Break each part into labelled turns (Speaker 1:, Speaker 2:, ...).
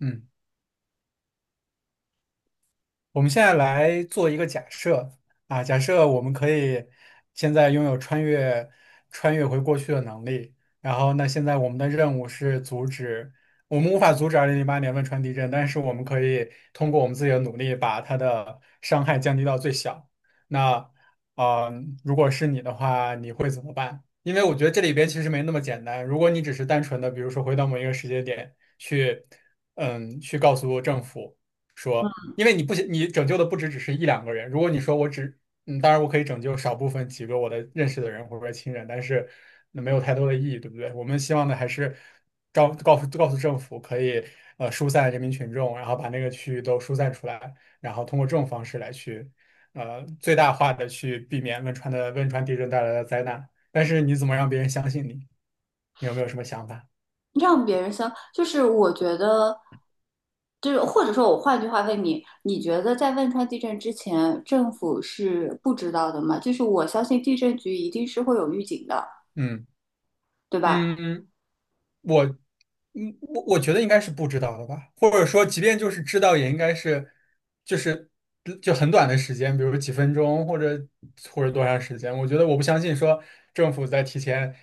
Speaker 1: 嗯，我们现在来做一个假设啊，假设我们可以现在拥有穿越回过去的能力，然后那现在我们的任务是阻止，我们无法阻止2008年汶川地震，但是我们可以通过我们自己的努力把它的伤害降低到最小。那，呃，如果是你的话，你会怎么办？因为我觉得这里边其实没那么简单。如果你只是单纯的，比如说回到某一个时间点去，去告诉政府。说，
Speaker 2: 嗯，
Speaker 1: 因为你拯救的不只是一两个人。如果你说我只，嗯，当然我可以拯救少部分几个我的认识的人或者说亲人，但是那没有太多的意义，对不对？我们希望的还是告诉政府可以疏散人民群众，然后把那个区域都疏散出来，然后通过这种方式来去最大化的去避免汶川地震带来的灾难。但是你怎么让别人相信你？你有没有什么想法？
Speaker 2: 让别人相，就是我觉得，就是或者说我换句话问你，你觉得在汶川地震之前，政府是不知道的吗？就是我相信地震局一定是会有预警的，
Speaker 1: 嗯
Speaker 2: 对吧？
Speaker 1: 嗯嗯。我，我觉得应该是不知道的吧，或者说，即便就是知道，也应该是，就是就很短的时间，比如几分钟，或者多长时间。我觉得我不相信说政府在提前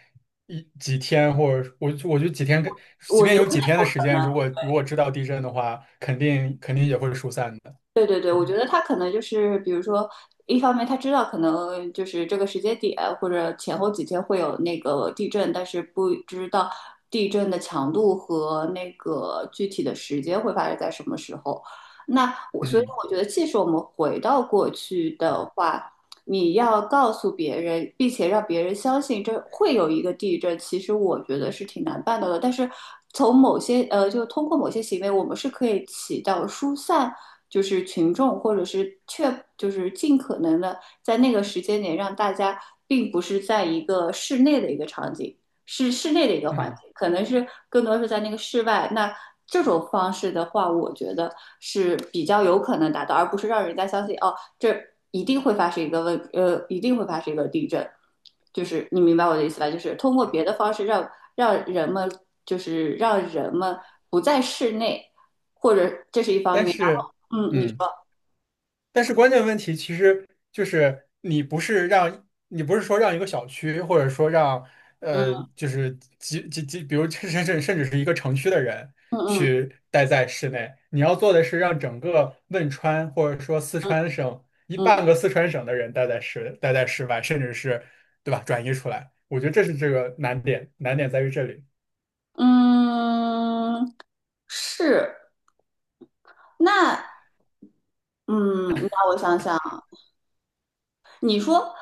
Speaker 1: 几天，或者我我就几天跟，即
Speaker 2: 我
Speaker 1: 便
Speaker 2: 觉得
Speaker 1: 有
Speaker 2: 那
Speaker 1: 几天
Speaker 2: 不
Speaker 1: 的时
Speaker 2: 可
Speaker 1: 间，如
Speaker 2: 能。
Speaker 1: 果如果知道地震的话，肯定也会疏散的。
Speaker 2: 对对对，我觉
Speaker 1: 嗯
Speaker 2: 得他可能就是，比如说，一方面他知道可能就是这个时间点或者前后几天会有那个地震，但是不知道地震的强度和那个具体的时间会发生在什么时候。那我所以
Speaker 1: 嗯
Speaker 2: 我觉得，即使我们回到过去的话，你要告诉别人，并且让别人相信这会有一个地震，其实我觉得是挺难办到的。但是从某些呃，就通过某些行为，我们是可以起到疏散，就是群众或者是确，就是尽可能的在那个时间点让大家，并不是在一个室内的一个场景，是室内的一个环
Speaker 1: 嗯，
Speaker 2: 境，可能是更多是在那个室外。那这种方式的话，我觉得是比较有可能达到，而不是让人家相信哦。这一定会发生一个问，呃，一定会发生一个地震，就是你明白我的意思吧？就是通过别的方式让让人们，就是让人们不在室内，或者这是一方
Speaker 1: 但
Speaker 2: 面。
Speaker 1: 是
Speaker 2: 然后，你
Speaker 1: 嗯。
Speaker 2: 说，
Speaker 1: 但是关键问题其实就是你不是说让一个小区，或者说让
Speaker 2: 嗯
Speaker 1: 就是几几几，比如甚至是一个城区的人
Speaker 2: 嗯嗯
Speaker 1: 去待在室内，你要做的是让整个汶川或者说四
Speaker 2: 嗯
Speaker 1: 川省一半
Speaker 2: 嗯
Speaker 1: 个四川省的人待在室外，甚至是对吧转移出来。我觉得这是这个难点，难点在于这里。
Speaker 2: 嗯，嗯是那，嗯，你让我想想，你说。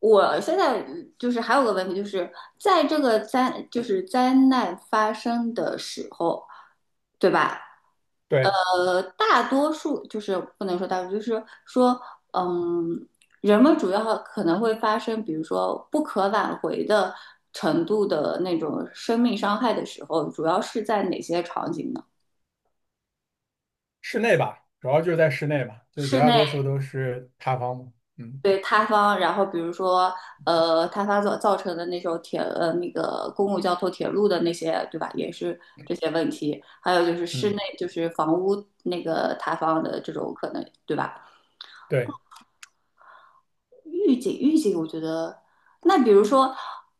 Speaker 2: 我现在就是还有个问题，就是在这个灾就是灾难发生的时候，对吧？
Speaker 1: 对，
Speaker 2: 大多数就是不能说大多数，就是说，嗯，人们主要可能会发生，比如说不可挽回的程度的那种生命伤害的时候，主要是在哪些场景呢？
Speaker 1: 室内吧，主要就是在室内嘛，就绝
Speaker 2: 室
Speaker 1: 大
Speaker 2: 内
Speaker 1: 多数都是塌方嘛嗯
Speaker 2: 对塌方，然后比如说，塌方造成的那种那个公共交通铁路的那些，对吧？也是这些问题，还有就是室内
Speaker 1: 嗯，
Speaker 2: 就是房屋那个塌方的这种可能，对吧？
Speaker 1: 对
Speaker 2: 预警，我觉得那比如说，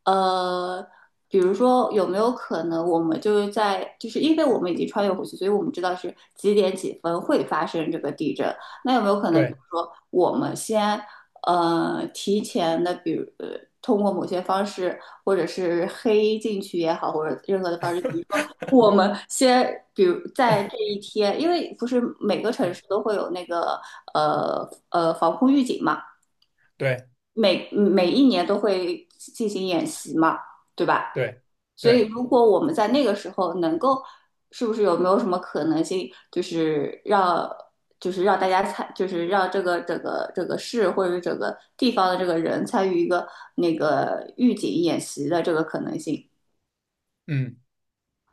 Speaker 2: 呃，比如说有没有可能我们就是在就是因为我们已经穿越回去，所以我们知道是几点几分会发生这个地震。那有没有可能，比如
Speaker 1: 对。
Speaker 2: 说我们先提前的，比如通过某些方式，或者是黑进去也好，或者任何的方式，比如说我们先，比如在这一天，因为不是每个城市都会有那个防空预警嘛。
Speaker 1: 对
Speaker 2: 每一年都会进行演习嘛，对吧？
Speaker 1: 对
Speaker 2: 所以
Speaker 1: 对，
Speaker 2: 如果我们在那个时候能够，是不是有没有什么可能性，就是让就是让大家参，就是让整个市或者是整个地方的这个人参与一个那个预警演习的这个可能性？
Speaker 1: 嗯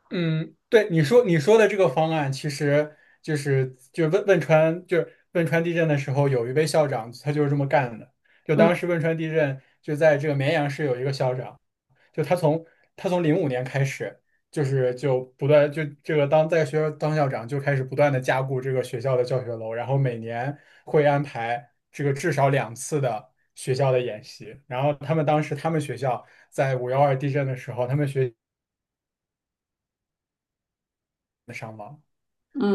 Speaker 1: 嗯，对你说的这个方案，其实就是汶川地震的时候，有一位校长他就是这么干的。就
Speaker 2: 嗯
Speaker 1: 当时汶川地震就在这个绵阳市有一个校长，就他从他从05年开始，就是不断就这个当在学校当校长就开始不断的加固这个学校的教学楼，然后每年会安排这个至少2次的学校的演习。然后他们当时他们学校在5·12地震的时候，他们学，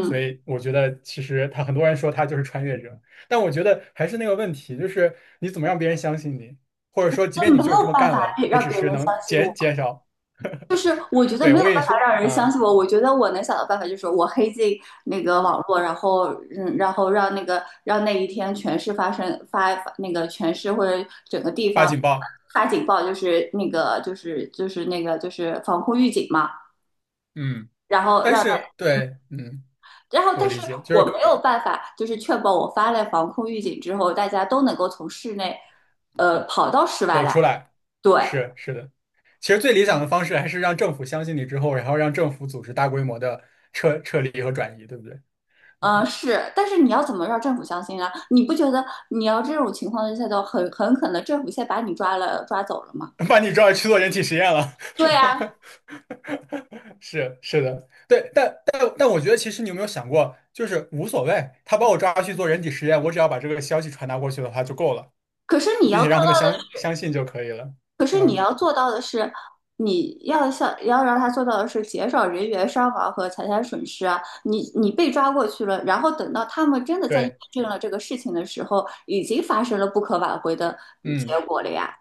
Speaker 1: 所以我觉得其实很多人说他就是穿越者，但我觉得还是那个问题，就是你怎么让别人相信你，或者说即
Speaker 2: 就
Speaker 1: 便你
Speaker 2: 没
Speaker 1: 就
Speaker 2: 有
Speaker 1: 是这么
Speaker 2: 办
Speaker 1: 干
Speaker 2: 法
Speaker 1: 了，也
Speaker 2: 让
Speaker 1: 只
Speaker 2: 别人
Speaker 1: 是能
Speaker 2: 相信
Speaker 1: 减少。
Speaker 2: 就 是我觉得
Speaker 1: 对，
Speaker 2: 没
Speaker 1: 我
Speaker 2: 有办
Speaker 1: 跟你说
Speaker 2: 法让人相
Speaker 1: 啊，
Speaker 2: 信我，我觉得我能想到办法就是我黑进那个网络，然后然后让那个让那一天全市发生发那个全市或者整个地
Speaker 1: 发
Speaker 2: 方
Speaker 1: 警报。
Speaker 2: 发警报，就是防空预警嘛，
Speaker 1: 嗯，
Speaker 2: 然后
Speaker 1: 但是对，
Speaker 2: 然后
Speaker 1: 我
Speaker 2: 但是
Speaker 1: 理解，就是
Speaker 2: 我
Speaker 1: 可
Speaker 2: 没有办法就是确保我发了防空预警之后，大家都能够从室内跑到室外
Speaker 1: 走
Speaker 2: 来，
Speaker 1: 出来，
Speaker 2: 对。
Speaker 1: 是的。其实最理想的方式还是让政府相信你之后，然后让政府组织大规模的撤离和转移，对不对？嗯，
Speaker 2: 是，但是你要怎么让政府相信啊？你不觉得你要这种情况下的很可能政府先把你抓走了吗？
Speaker 1: 把你抓去做人体实验了。
Speaker 2: 对啊，
Speaker 1: 是的，对，但我觉得，其实你有没有想过，就是无所谓，他把我抓去做人体实验，我只要把这个消息传达过去的话就够了，
Speaker 2: 可是你要
Speaker 1: 并且
Speaker 2: 做
Speaker 1: 让他们
Speaker 2: 到，
Speaker 1: 相信就可以了。
Speaker 2: 可是你
Speaker 1: 嗯，
Speaker 2: 要做到的是，你要像要让他做到的是减少人员伤亡和财产损失啊。你被抓过去了，然后等到他们真的在验
Speaker 1: 对，
Speaker 2: 证了这个事情的时候，已经发生了不可挽回的结
Speaker 1: 嗯。
Speaker 2: 果了呀。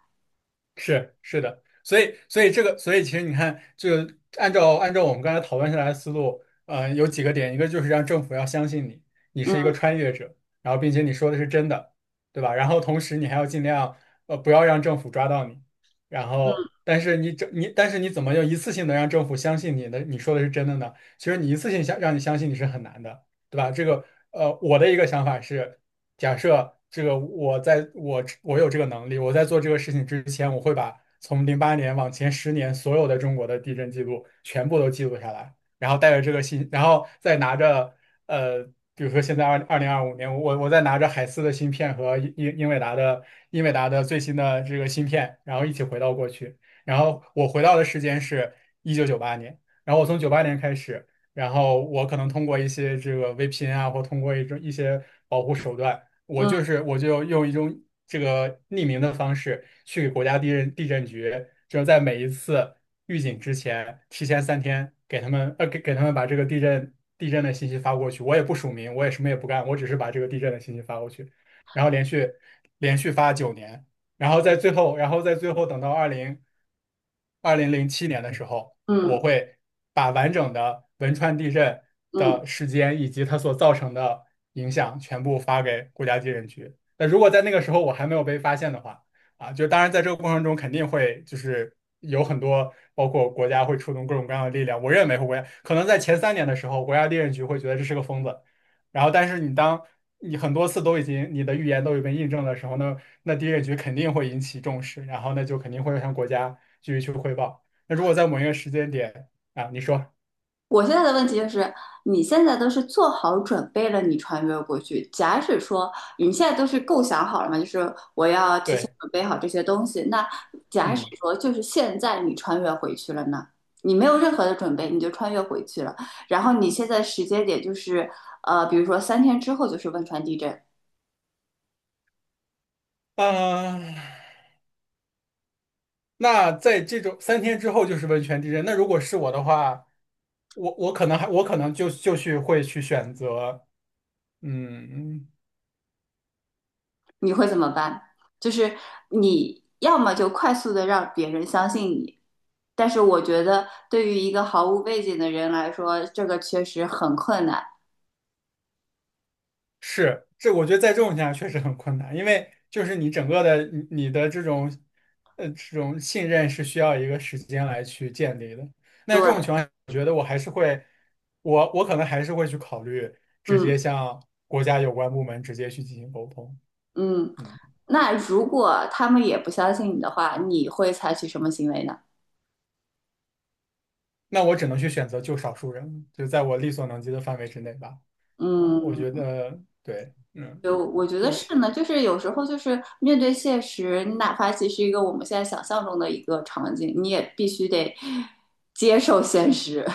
Speaker 1: 是的，所以这个，所以其实你看，就按照我们刚才讨论下来的思路，呃，有几个点，一个就是让政府要相信你，你是一个
Speaker 2: 嗯
Speaker 1: 穿越者，然后并且你说的是真的，对吧？然后同时你还要尽量不要让政府抓到你，然后
Speaker 2: 嗯
Speaker 1: 但是你怎么又一次性的让政府相信你的你说的是真的呢？其实你一次性让你相信你是很难的，对吧？这个我的一个想法是。假设这个我在我我有这个能力，我在做这个事情之前，我会把从08年往前10年所有的中国的地震记录全部都记录下来，然后带着这个信，然后再拿着呃，比如说现在二零二五年，我再拿着海思的芯片和英伟达的最新的这个芯片，然后一起回到过去，然后我回到的时间是1998年，然后我从九八年开始。然后我可能通过一些这个 VPN 啊，或通过一些保护手段，我就
Speaker 2: 嗯
Speaker 1: 是我就用一种这个匿名的方式去给国家地震局，就是在每一次预警之前，提前三天给他们把这个地震的信息发过去。我也不署名，我也什么也不干，我只是把这个地震的信息发过去，然后连续发9年，然后在最后等到二零零七年的时候。
Speaker 2: 嗯。
Speaker 1: 我会把完整的汶川地震
Speaker 2: 嗯，
Speaker 1: 的时间以及它所造成的影响全部发给国家地震局。那如果在那个时候我还没有被发现的话，啊，就当然在这个过程中肯定会就是有很多，包括国家会出动各种各样的力量。我认为国家可能在前3年的时候，国家地震局会觉得这是个疯子，然后但是你很多次都已经你的预言都已被印证的时候那地震局肯定会引起重视，然后那就肯定会向国家继续去汇报。那如果在某一个时间点啊，你说
Speaker 2: 我现在的问题就是，你现在都是做好准备了，你穿越过去。假使说你现在都是构想好了嘛，就是我要提前
Speaker 1: 对，
Speaker 2: 准备好这些东西。那假使
Speaker 1: 嗯，
Speaker 2: 说就是现在你穿越回去了呢，你没有任何的准备，你就穿越回去了。然后你现在时间点就是，比如说三天之后就是汶川地震，
Speaker 1: 啊、那在这种三天之后就是温泉地震。那如果是我的话，我我可能还我可能就就去会去选择，嗯。
Speaker 2: 你会怎么办？就是你要么就快速的让别人相信你，但是我觉得对于一个毫无背景的人来说，这个确实很困难。
Speaker 1: 是，这我觉得在这种情况下确实很困难，因为就是你整个的你你的这种信任是需要一个时间来去建立的。那这
Speaker 2: 对，
Speaker 1: 种情况下，我觉得我可能还是会去考虑直
Speaker 2: 嗯
Speaker 1: 接向国家有关部门直接去进行沟通。
Speaker 2: 嗯。
Speaker 1: 嗯，
Speaker 2: 那如果他们也不相信你的话，你会采取什么行为呢？
Speaker 1: 那我只能去选择救少数人，就在我力所能及的范围之内吧。啊，我觉
Speaker 2: 嗯，
Speaker 1: 得对，
Speaker 2: 就我觉得
Speaker 1: 就。
Speaker 2: 是呢，就是有时候就是面对现实，你哪怕其实一个我们现在想象中的一个场景，你也必须得接受现实。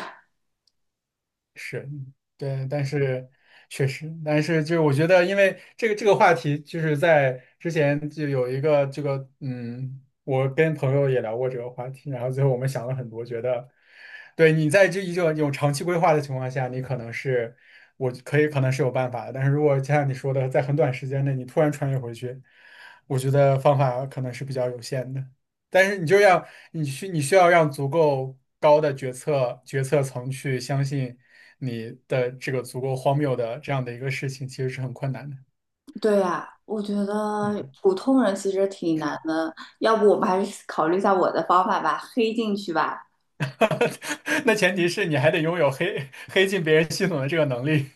Speaker 1: 是，对，但是确实，但是就是我觉得，因为这个话题，就是在之前就有一个这个，我跟朋友也聊过这个话题，然后最后我们想了很多，觉得，对你在这一种有长期规划的情况下，你可能是我可以可能是有办法的，但是如果就像你说的，在很短时间内你突然穿越回去，我觉得方法可能是比较有限的。但是你就要你需你需要让足够高的决策层去相信，你的这个足够荒谬的这样的一个事情，其实是很困难的。
Speaker 2: 对呀，我觉得
Speaker 1: 嗯，
Speaker 2: 普通人其实挺难的，要不我们还是考虑一下我的方法吧，黑进去吧。
Speaker 1: 那前提是你还得拥有黑进别人系统的这个能力，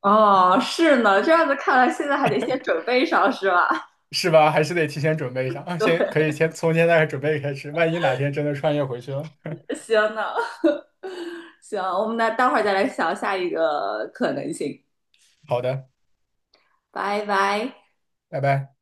Speaker 2: 哦，是呢，这样子看来，现在还得先准备上，是吧？
Speaker 1: 是吧？还是得提前准备 上，啊先可
Speaker 2: 对，
Speaker 1: 以先从现在准备开始，万一哪天真的穿越回去了。
Speaker 2: 行呢，行，我们那待会儿再来想下一个可能性，
Speaker 1: 好的，
Speaker 2: 拜拜。
Speaker 1: 拜拜。